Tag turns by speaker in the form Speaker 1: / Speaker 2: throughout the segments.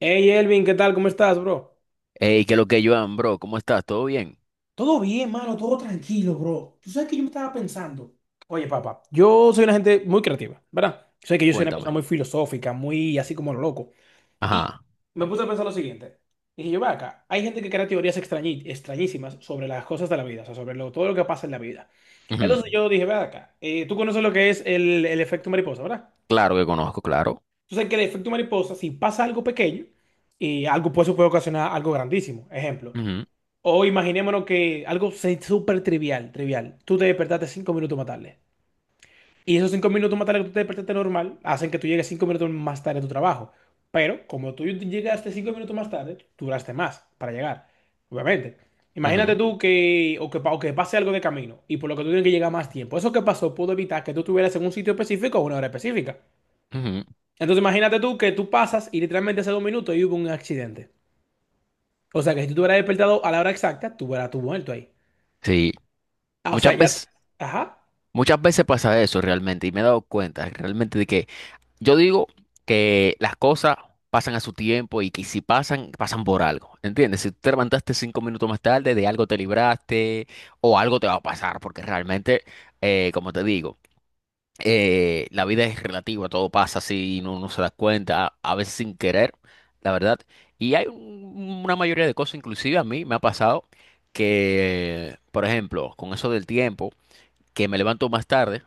Speaker 1: Hey Elvin, ¿qué tal? ¿Cómo estás, bro?
Speaker 2: Hey, ¿qué es lo que yo bro? ¿Cómo estás? ¿Todo bien?
Speaker 1: Todo bien, mano, todo tranquilo, bro. Tú sabes que yo me estaba pensando. Oye, papá, yo soy una gente muy creativa, ¿verdad? Sé que yo soy una persona
Speaker 2: Cuéntame.
Speaker 1: muy filosófica, muy así como lo loco. Y
Speaker 2: Ajá.
Speaker 1: me puse a pensar lo siguiente. Dije yo, ve acá, hay gente que crea teorías extrañísimas sobre las cosas de la vida, o sea, sobre todo lo que pasa en la vida.
Speaker 2: Ujú.
Speaker 1: Entonces yo dije, ve acá, tú conoces lo que es el efecto mariposa, ¿verdad?
Speaker 2: Claro que conozco, claro.
Speaker 1: Tú sabes que el efecto mariposa, si pasa algo pequeño, y algo, pues, eso puede ocasionar algo grandísimo. Ejemplo.
Speaker 2: Ujú,
Speaker 1: O imaginémonos que súper trivial, trivial. Tú te despertaste 5 minutos más tarde. Y esos 5 minutos más tarde que tú te despertaste normal hacen que tú llegues 5 minutos más tarde a tu trabajo. Pero como tú llegaste 5 minutos más tarde, duraste más para llegar. Obviamente. Imagínate
Speaker 2: ujú,
Speaker 1: tú que, o que, o que pase algo de camino y por lo que tú tienes que llegar más tiempo. Eso que pasó pudo evitar que tú estuvieras en un sitio específico a una hora específica.
Speaker 2: ujú.
Speaker 1: Entonces imagínate tú que tú pasas y literalmente hace 2 minutos y hubo un accidente. O sea que si tú te hubieras despertado a la hora exacta, tú hubieras tú muerto ahí.
Speaker 2: Sí.
Speaker 1: Ah, o
Speaker 2: Muchas
Speaker 1: sea, ya.
Speaker 2: veces,
Speaker 1: Ajá.
Speaker 2: muchas veces pasa eso realmente y me he dado cuenta realmente de que yo digo que las cosas pasan a su tiempo y que si pasan, pasan por algo. ¿Entiendes? Si tú te levantaste 5 minutos más tarde, de algo te libraste o algo te va a pasar porque realmente, como te digo. La vida es relativa, todo pasa así y no, no se da cuenta, a veces sin querer, la verdad. Y hay una mayoría de cosas, inclusive a mí me ha pasado que, por ejemplo, con eso del tiempo, que me levanto más tarde,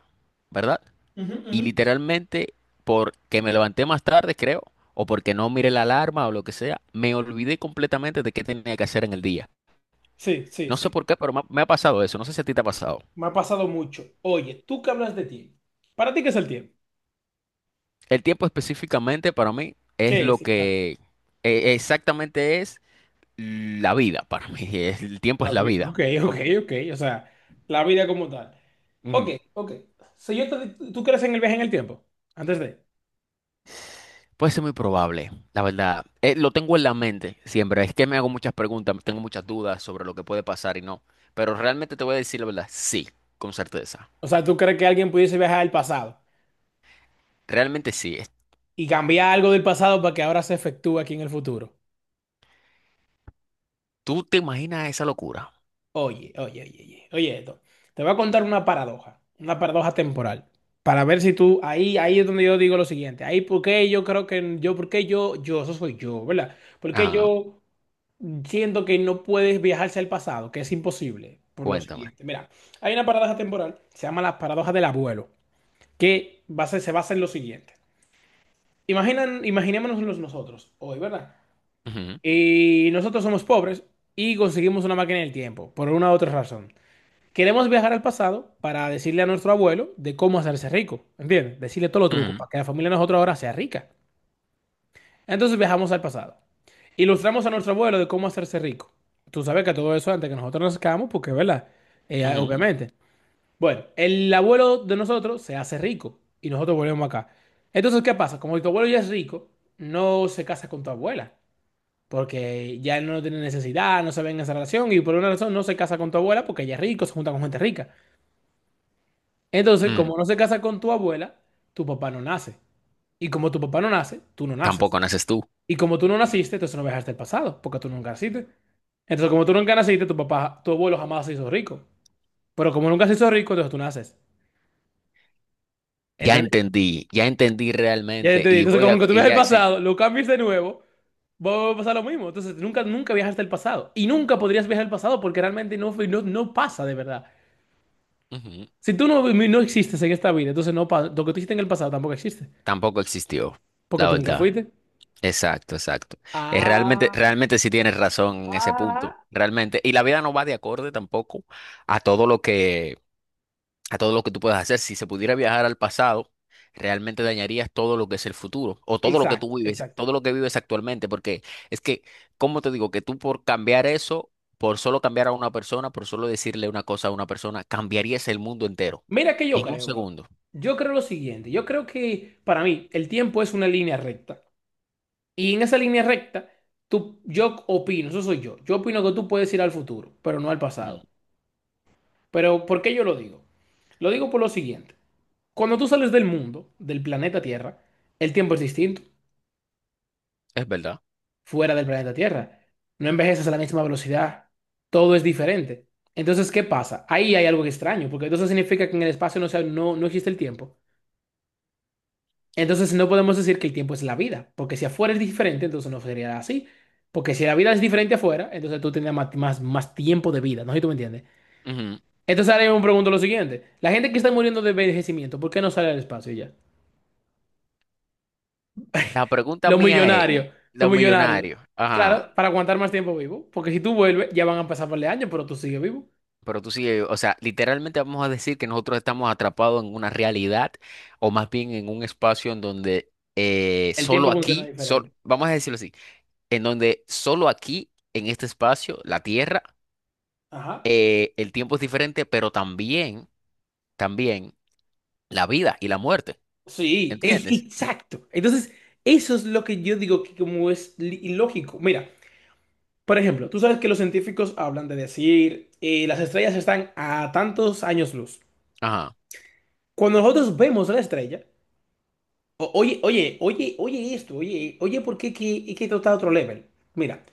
Speaker 2: ¿verdad?
Speaker 1: Ujú,
Speaker 2: Y
Speaker 1: ujú.
Speaker 2: literalmente, porque me levanté más tarde, creo, o porque no miré la alarma o lo que sea, me olvidé completamente de qué tenía que hacer en el día.
Speaker 1: Sí, sí,
Speaker 2: No
Speaker 1: sí.
Speaker 2: sé por qué, pero me ha pasado eso. No sé si a ti te ha pasado.
Speaker 1: Me ha pasado mucho. Oye, tú que hablas de tiempo. ¿Para ti qué es el tiempo?
Speaker 2: El tiempo específicamente para mí es
Speaker 1: ¿Qué
Speaker 2: lo
Speaker 1: es, exacto?
Speaker 2: que exactamente es la vida para mí. El tiempo es
Speaker 1: Claro,
Speaker 2: la vida.
Speaker 1: ok, ok, ok. O sea, la vida como tal. Ok,
Speaker 2: Ujú.
Speaker 1: ok. Si yo te- ¿Tú crees en el viaje en el tiempo? Antes de.
Speaker 2: Puede ser muy probable, la verdad. Lo tengo en la mente siempre. Es que me hago muchas preguntas, tengo muchas dudas sobre lo que puede pasar y no. Pero realmente te voy a decir la verdad. Sí, con certeza.
Speaker 1: O sea, ¿tú crees que alguien pudiese viajar al pasado
Speaker 2: Realmente sí.
Speaker 1: y cambiar algo del pasado para que ahora se efectúe aquí en el futuro?
Speaker 2: ¿Tú te imaginas esa locura?
Speaker 1: Oye, oye, oye, oye, oye esto. Te voy a contar una paradoja temporal, para ver si tú, ahí, ahí es donde yo digo lo siguiente, ahí porque yo creo que, yo, porque yo, eso soy yo, ¿verdad? Porque
Speaker 2: Ajá,
Speaker 1: yo siento que no puedes viajarse al pasado, que es imposible, por lo
Speaker 2: cuéntame.
Speaker 1: siguiente. Mira, hay una paradoja temporal, se llama la paradoja del abuelo, que se basa en lo siguiente. Imaginémonos los nosotros hoy, ¿verdad?
Speaker 2: Ujú,
Speaker 1: Y nosotros somos pobres y conseguimos una máquina del tiempo, por una u otra razón. Queremos viajar al pasado para decirle a nuestro abuelo de cómo hacerse rico, ¿entiendes? Decirle todos los trucos
Speaker 2: ujú,
Speaker 1: para que la familia de nosotros ahora sea rica. Entonces viajamos al pasado. Ilustramos a nuestro abuelo de cómo hacerse rico. Tú sabes que todo eso antes que nosotros nazcamos, porque, ¿verdad?
Speaker 2: ujú.
Speaker 1: Obviamente. Bueno, el abuelo de nosotros se hace rico y nosotros volvemos acá. Entonces, ¿qué pasa? Como tu abuelo ya es rico, no se casa con tu abuela, porque ya él no tiene necesidad, no se ve en esa relación y por una razón no se casa con tu abuela porque ella es rico, se junta con gente rica. Entonces,
Speaker 2: Mm.
Speaker 1: como no se casa con tu abuela, tu papá no nace. Y como tu papá no nace, tú no naces.
Speaker 2: Tampoco naces tú.
Speaker 1: Y como tú no naciste, entonces no viajaste el pasado, porque tú nunca naciste. Entonces, como tú nunca naciste, tu papá, tu abuelo jamás se hizo rico. Pero como nunca se hizo rico, entonces tú naces. ¿Entendés?
Speaker 2: Ya entendí
Speaker 1: Ya
Speaker 2: realmente
Speaker 1: entendí.
Speaker 2: y
Speaker 1: Entonces,
Speaker 2: voy
Speaker 1: como
Speaker 2: a,
Speaker 1: que tú
Speaker 2: y
Speaker 1: viajas el
Speaker 2: ya, sí,
Speaker 1: pasado, lo cambias de nuevo, va a pasar lo mismo. Entonces, nunca viajaste el pasado. Y nunca podrías viajar el pasado porque realmente no, no, no pasa de verdad.
Speaker 2: ujú.
Speaker 1: Si tú no, no existes en esta vida, entonces no pasa. Lo que tú hiciste en el pasado tampoco existe,
Speaker 2: Tampoco existió,
Speaker 1: porque
Speaker 2: la
Speaker 1: tú nunca
Speaker 2: verdad.
Speaker 1: fuiste.
Speaker 2: Exacto, exacto. Es realmente,
Speaker 1: Ah.
Speaker 2: realmente sí tienes razón en ese punto,
Speaker 1: Ah,
Speaker 2: realmente. Y la vida no va de acorde tampoco a todo lo que a todo lo que tú puedas hacer. Si se pudiera viajar al pasado, realmente dañarías todo lo que es el futuro o todo lo que
Speaker 1: exacto,
Speaker 2: tú vives,
Speaker 1: exacto.
Speaker 2: todo lo que vives actualmente, porque es que, ¿cómo te digo? Que tú por cambiar eso, por solo cambiar a una persona, por solo decirle una cosa a una persona, cambiarías el mundo entero
Speaker 1: Mira que yo
Speaker 2: en un
Speaker 1: creo, bro.
Speaker 2: segundo.
Speaker 1: Yo creo lo siguiente. Yo creo que para mí el tiempo es una línea recta. Y en esa línea recta, tú, yo opino, eso soy yo. Yo opino que tú puedes ir al futuro, pero no al
Speaker 2: Ujú.
Speaker 1: pasado. Pero ¿por qué yo lo digo? Lo digo por lo siguiente. Cuando tú sales del mundo, del planeta Tierra, el tiempo es distinto.
Speaker 2: Es verdad.
Speaker 1: Fuera del planeta Tierra. No envejeces a la misma velocidad. Todo es diferente. Entonces, ¿qué pasa? Ahí hay algo extraño, porque entonces significa que en el espacio no, no, no existe el tiempo. Entonces no podemos decir que el tiempo es la vida, porque si afuera es diferente, entonces no sería así. Porque si la vida es diferente afuera, entonces tú tendrías más tiempo de vida, ¿no sé si tú me entiendes?
Speaker 2: Ujú.
Speaker 1: Entonces ahora yo me pregunto lo siguiente. La gente que está muriendo de envejecimiento, ¿por qué no sale al espacio y ya?
Speaker 2: La pregunta
Speaker 1: Los
Speaker 2: mía es,
Speaker 1: millonarios, los
Speaker 2: los
Speaker 1: millonarios.
Speaker 2: millonarios, ajá.
Speaker 1: Claro, para aguantar más tiempo vivo, porque si tú vuelves, ya van a pasar par de años, pero tú sigues vivo.
Speaker 2: Pero tú sí, o sea, literalmente vamos a decir que nosotros estamos atrapados en una realidad o más bien en un espacio en donde
Speaker 1: El tiempo
Speaker 2: solo
Speaker 1: funciona
Speaker 2: aquí,
Speaker 1: diferente.
Speaker 2: vamos a decirlo así, en donde solo aquí, en este espacio, la Tierra,
Speaker 1: Ajá.
Speaker 2: el tiempo es diferente, pero también, también la vida y la muerte,
Speaker 1: Sí,
Speaker 2: ¿entiendes?
Speaker 1: exacto. Entonces, eso es lo que yo digo que como es ilógico. Mira. Por ejemplo, tú sabes que los científicos hablan de decir las estrellas están a tantos años luz.
Speaker 2: Ajá.
Speaker 1: Cuando nosotros vemos la estrella, oye, oye, oye, oye esto, oye, oye, ¿por qué que esto está a otro level? Mira,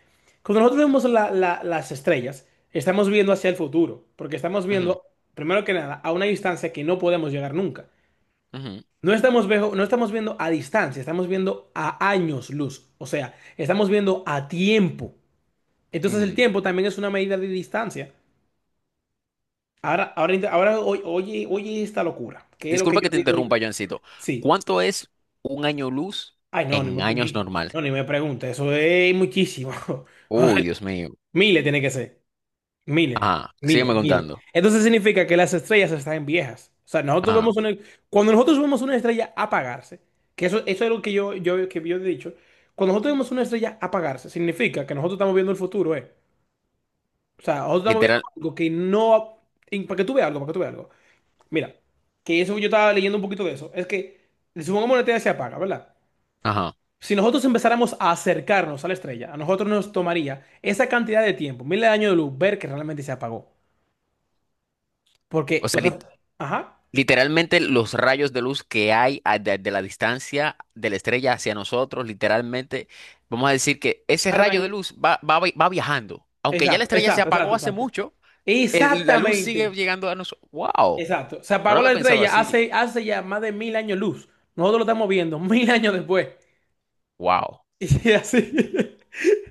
Speaker 1: cuando nosotros vemos las estrellas, estamos viendo hacia el futuro, porque estamos
Speaker 2: Ujú,
Speaker 1: viendo, primero que nada, a una distancia que no podemos llegar nunca.
Speaker 2: ujú,
Speaker 1: No estamos, no estamos viendo a distancia, estamos viendo a años luz, o sea, estamos viendo a tiempo. Entonces el
Speaker 2: ujú.
Speaker 1: tiempo también es una medida de distancia. Ahora, oye, oye esta locura. ¿Qué es lo que
Speaker 2: Disculpa
Speaker 1: yo
Speaker 2: que te
Speaker 1: digo?
Speaker 2: interrumpa, Joancito.
Speaker 1: Sí.
Speaker 2: ¿Cuánto es un año luz
Speaker 1: Ay, no, ni
Speaker 2: en
Speaker 1: me,
Speaker 2: años
Speaker 1: ni,
Speaker 2: normal?
Speaker 1: no, ni me pregunte. Eso es muchísimo.
Speaker 2: Uy, Dios mío.
Speaker 1: Miles tiene que ser. Miles,
Speaker 2: Ajá, sígueme
Speaker 1: miles, miles.
Speaker 2: contando.
Speaker 1: Entonces significa que las estrellas están viejas. O sea, nosotros
Speaker 2: Ajá.
Speaker 1: vemos una, cuando nosotros vemos una estrella apagarse, que eso es lo que que yo he dicho, cuando nosotros vemos una estrella apagarse, significa que nosotros estamos viendo el futuro, ¿eh? O sea, nosotros estamos viendo
Speaker 2: Literal,
Speaker 1: algo que no... Y para que tú veas algo, para que tú veas algo. Mira, que eso yo estaba leyendo un poquito de eso. Es que si supongamos la estrella se apaga, ¿verdad?
Speaker 2: ajá.
Speaker 1: Si nosotros empezáramos a acercarnos a la estrella, a nosotros nos tomaría esa cantidad de tiempo, miles de años de luz, ver que realmente se apagó. Porque,
Speaker 2: O
Speaker 1: o
Speaker 2: sea,
Speaker 1: sea, ajá,
Speaker 2: literalmente los rayos de luz que hay de la distancia de la estrella hacia nosotros, literalmente, vamos a decir que ese rayo de
Speaker 1: tardan.
Speaker 2: luz va viajando. Aunque ya la
Speaker 1: Exacto,
Speaker 2: estrella se
Speaker 1: exacto, exacto,
Speaker 2: apagó hace
Speaker 1: exacto.
Speaker 2: mucho, la luz sigue
Speaker 1: Exactamente,
Speaker 2: llegando a nosotros. ¡Wow!
Speaker 1: exacto. Se
Speaker 2: No lo
Speaker 1: apagó la
Speaker 2: había pensado
Speaker 1: estrella
Speaker 2: así.
Speaker 1: hace ya más de 1.000 años luz. Nosotros lo estamos viendo 1.000 años después.
Speaker 2: ¡Wow!
Speaker 1: Y así.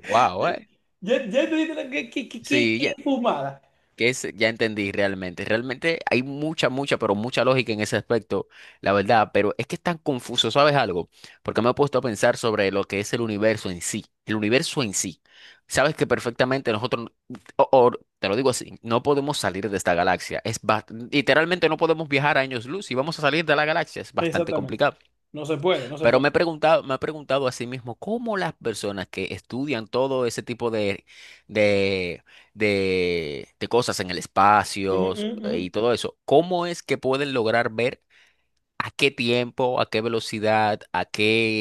Speaker 2: ¡Wow!
Speaker 1: Ya, ya te diste
Speaker 2: Sí,
Speaker 1: qué fumada.
Speaker 2: que es, ya entendí realmente. Realmente hay mucha, mucha, pero mucha lógica en ese aspecto, la verdad. Pero es que es tan confuso, ¿sabes algo? Porque me he puesto a pensar sobre lo que es el universo en sí. El universo en sí. Sabes que perfectamente nosotros, o te lo digo así, no podemos salir de esta galaxia. Literalmente no podemos viajar a años luz, y vamos a salir de la galaxia, es bastante
Speaker 1: Exactamente.
Speaker 2: complicado.
Speaker 1: No se puede, no se
Speaker 2: Pero
Speaker 1: puede.
Speaker 2: me he preguntado a sí mismo cómo las personas que estudian todo ese tipo de, de cosas en el
Speaker 1: Ujú,
Speaker 2: espacio
Speaker 1: ujú, ujú.
Speaker 2: y todo eso, ¿cómo es que pueden lograr ver a qué tiempo, a qué velocidad, a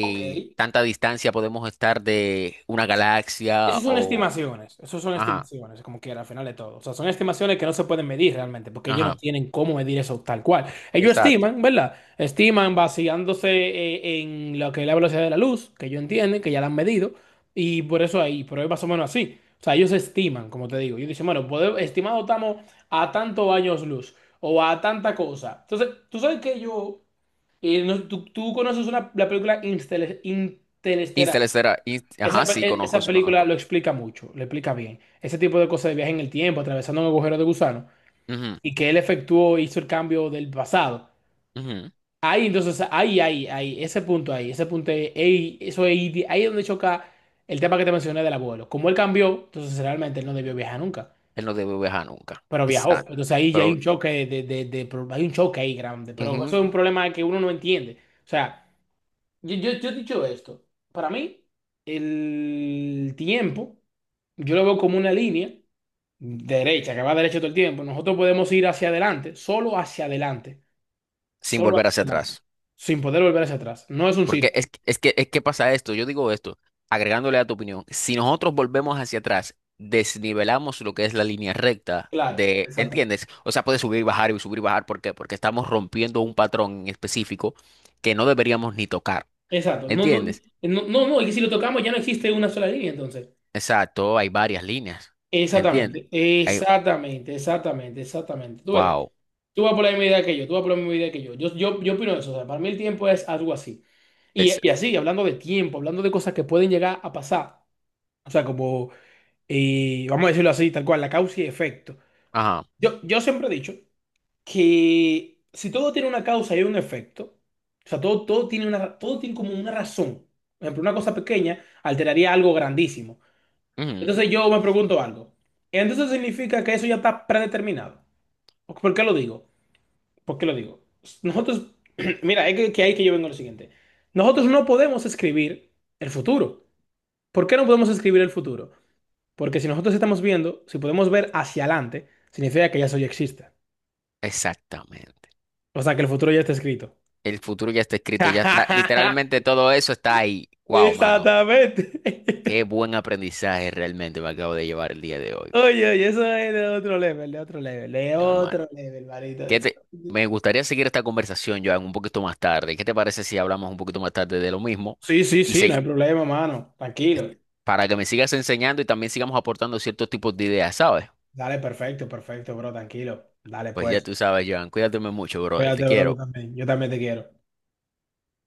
Speaker 1: Ok.
Speaker 2: tanta distancia podemos estar de una galaxia
Speaker 1: Esas son
Speaker 2: o...
Speaker 1: estimaciones, eso son
Speaker 2: Ajá,
Speaker 1: estimaciones, como quiera, al final de todo. O sea, son estimaciones que no se pueden medir realmente, porque ellos no
Speaker 2: ajá,
Speaker 1: tienen cómo medir eso tal cual. Ellos
Speaker 2: exacto.
Speaker 1: estiman, ¿verdad? Estiman basándose en lo que es la velocidad de la luz, que ellos entienden, que ya la han medido, y por eso ahí, pero es más o menos así. O sea, ellos estiman, como te digo. Ellos dicen, bueno, estimado estamos a tantos años luz, o a tanta cosa. Entonces, tú sabes que yo, tú conoces una, la película Interestelar.
Speaker 2: Interestelar, ajá,
Speaker 1: Esa,
Speaker 2: sí, conozco,
Speaker 1: esa
Speaker 2: sí,
Speaker 1: película
Speaker 2: conozco.
Speaker 1: lo explica mucho, lo explica bien. Ese tipo de cosas de viaje en el tiempo, atravesando un agujero de gusano,
Speaker 2: Ujú,
Speaker 1: y que él efectuó, hizo el cambio del pasado.
Speaker 2: ujú.
Speaker 1: Ahí, entonces, ese punto ahí, ahí, eso ahí, ahí es donde choca el tema que te mencioné del abuelo. Como él cambió, entonces realmente él no debió viajar nunca,
Speaker 2: Él no debe viajar nunca.
Speaker 1: pero viajó.
Speaker 2: Exacto.
Speaker 1: Entonces ahí ya
Speaker 2: Pero
Speaker 1: hay un choque ahí grande, pero
Speaker 2: ujú,
Speaker 1: eso es un problema que uno no entiende. O sea, yo he dicho esto. Para mí, el tiempo, yo lo veo como una línea derecha, que va derecha todo el tiempo. Nosotros podemos ir hacia adelante,
Speaker 2: sin
Speaker 1: solo
Speaker 2: volver
Speaker 1: hacia
Speaker 2: hacia
Speaker 1: adelante,
Speaker 2: atrás.
Speaker 1: sin poder volver hacia atrás. No es un
Speaker 2: Porque
Speaker 1: círculo.
Speaker 2: es, es que pasa esto, yo digo esto, agregándole a tu opinión, si nosotros volvemos hacia atrás, desnivelamos lo que es la línea recta
Speaker 1: Claro,
Speaker 2: de,
Speaker 1: exactamente.
Speaker 2: ¿entiendes? O sea, puede subir y bajar y subir y bajar, ¿por qué? Porque estamos rompiendo un patrón en específico que no deberíamos ni tocar,
Speaker 1: Exacto. No, no,
Speaker 2: ¿entiendes?
Speaker 1: no, no, no, y si lo tocamos ya no existe una sola línea, entonces.
Speaker 2: Exacto, hay varias líneas, ¿entiendes?
Speaker 1: Exactamente,
Speaker 2: Hay,
Speaker 1: exactamente, exactamente, exactamente. Tú ves,
Speaker 2: wow,
Speaker 1: tú vas por la misma idea que yo, tú vas por la misma idea que yo. Yo opino eso, o sea, para mí el tiempo es algo así. Y,
Speaker 2: es,
Speaker 1: y así, hablando de tiempo, hablando de cosas que pueden llegar a pasar, o sea, como, vamos a decirlo así, tal cual, la causa y efecto.
Speaker 2: ajá,
Speaker 1: Yo siempre he dicho que si todo tiene una causa y un efecto, o sea, todo tiene una, todo tiene como una razón. Por ejemplo, una cosa pequeña alteraría algo grandísimo.
Speaker 2: ujú,
Speaker 1: Entonces yo me pregunto algo. Entonces significa que eso ya está predeterminado. ¿Por qué lo digo? ¿Por qué lo digo? Nosotros, mira, es que, ahí que yo vengo a lo siguiente. Nosotros no podemos escribir el futuro. ¿Por qué no podemos escribir el futuro? Porque si nosotros estamos viendo, si podemos ver hacia adelante, significa que ya eso ya existe.
Speaker 2: exactamente.
Speaker 1: O sea, que el futuro ya está escrito.
Speaker 2: El futuro ya está escrito, ya está, literalmente todo eso está ahí, wow, mano.
Speaker 1: Exactamente.
Speaker 2: Qué buen aprendizaje realmente me acabo de llevar el día de hoy.
Speaker 1: Oye, oye, eso es de otro level, de otro level, de
Speaker 2: Normal.
Speaker 1: otro level, marito.
Speaker 2: ¿Qué te... Me gustaría seguir esta conversación, Joan, un poquito más tarde. ¿Qué te parece si hablamos un poquito más tarde de lo mismo?
Speaker 1: Sí, sí,
Speaker 2: Y
Speaker 1: sí, no
Speaker 2: se...
Speaker 1: hay problema, mano. Tranquilo.
Speaker 2: para que me sigas enseñando y también sigamos aportando ciertos tipos de ideas, ¿sabes?
Speaker 1: Dale, perfecto, perfecto, bro, tranquilo. Dale,
Speaker 2: Pues ya
Speaker 1: pues.
Speaker 2: tú sabes, Joan, cuídate mucho, brother. Te
Speaker 1: Cuídate, bro, tú
Speaker 2: quiero.
Speaker 1: también. Yo también te quiero.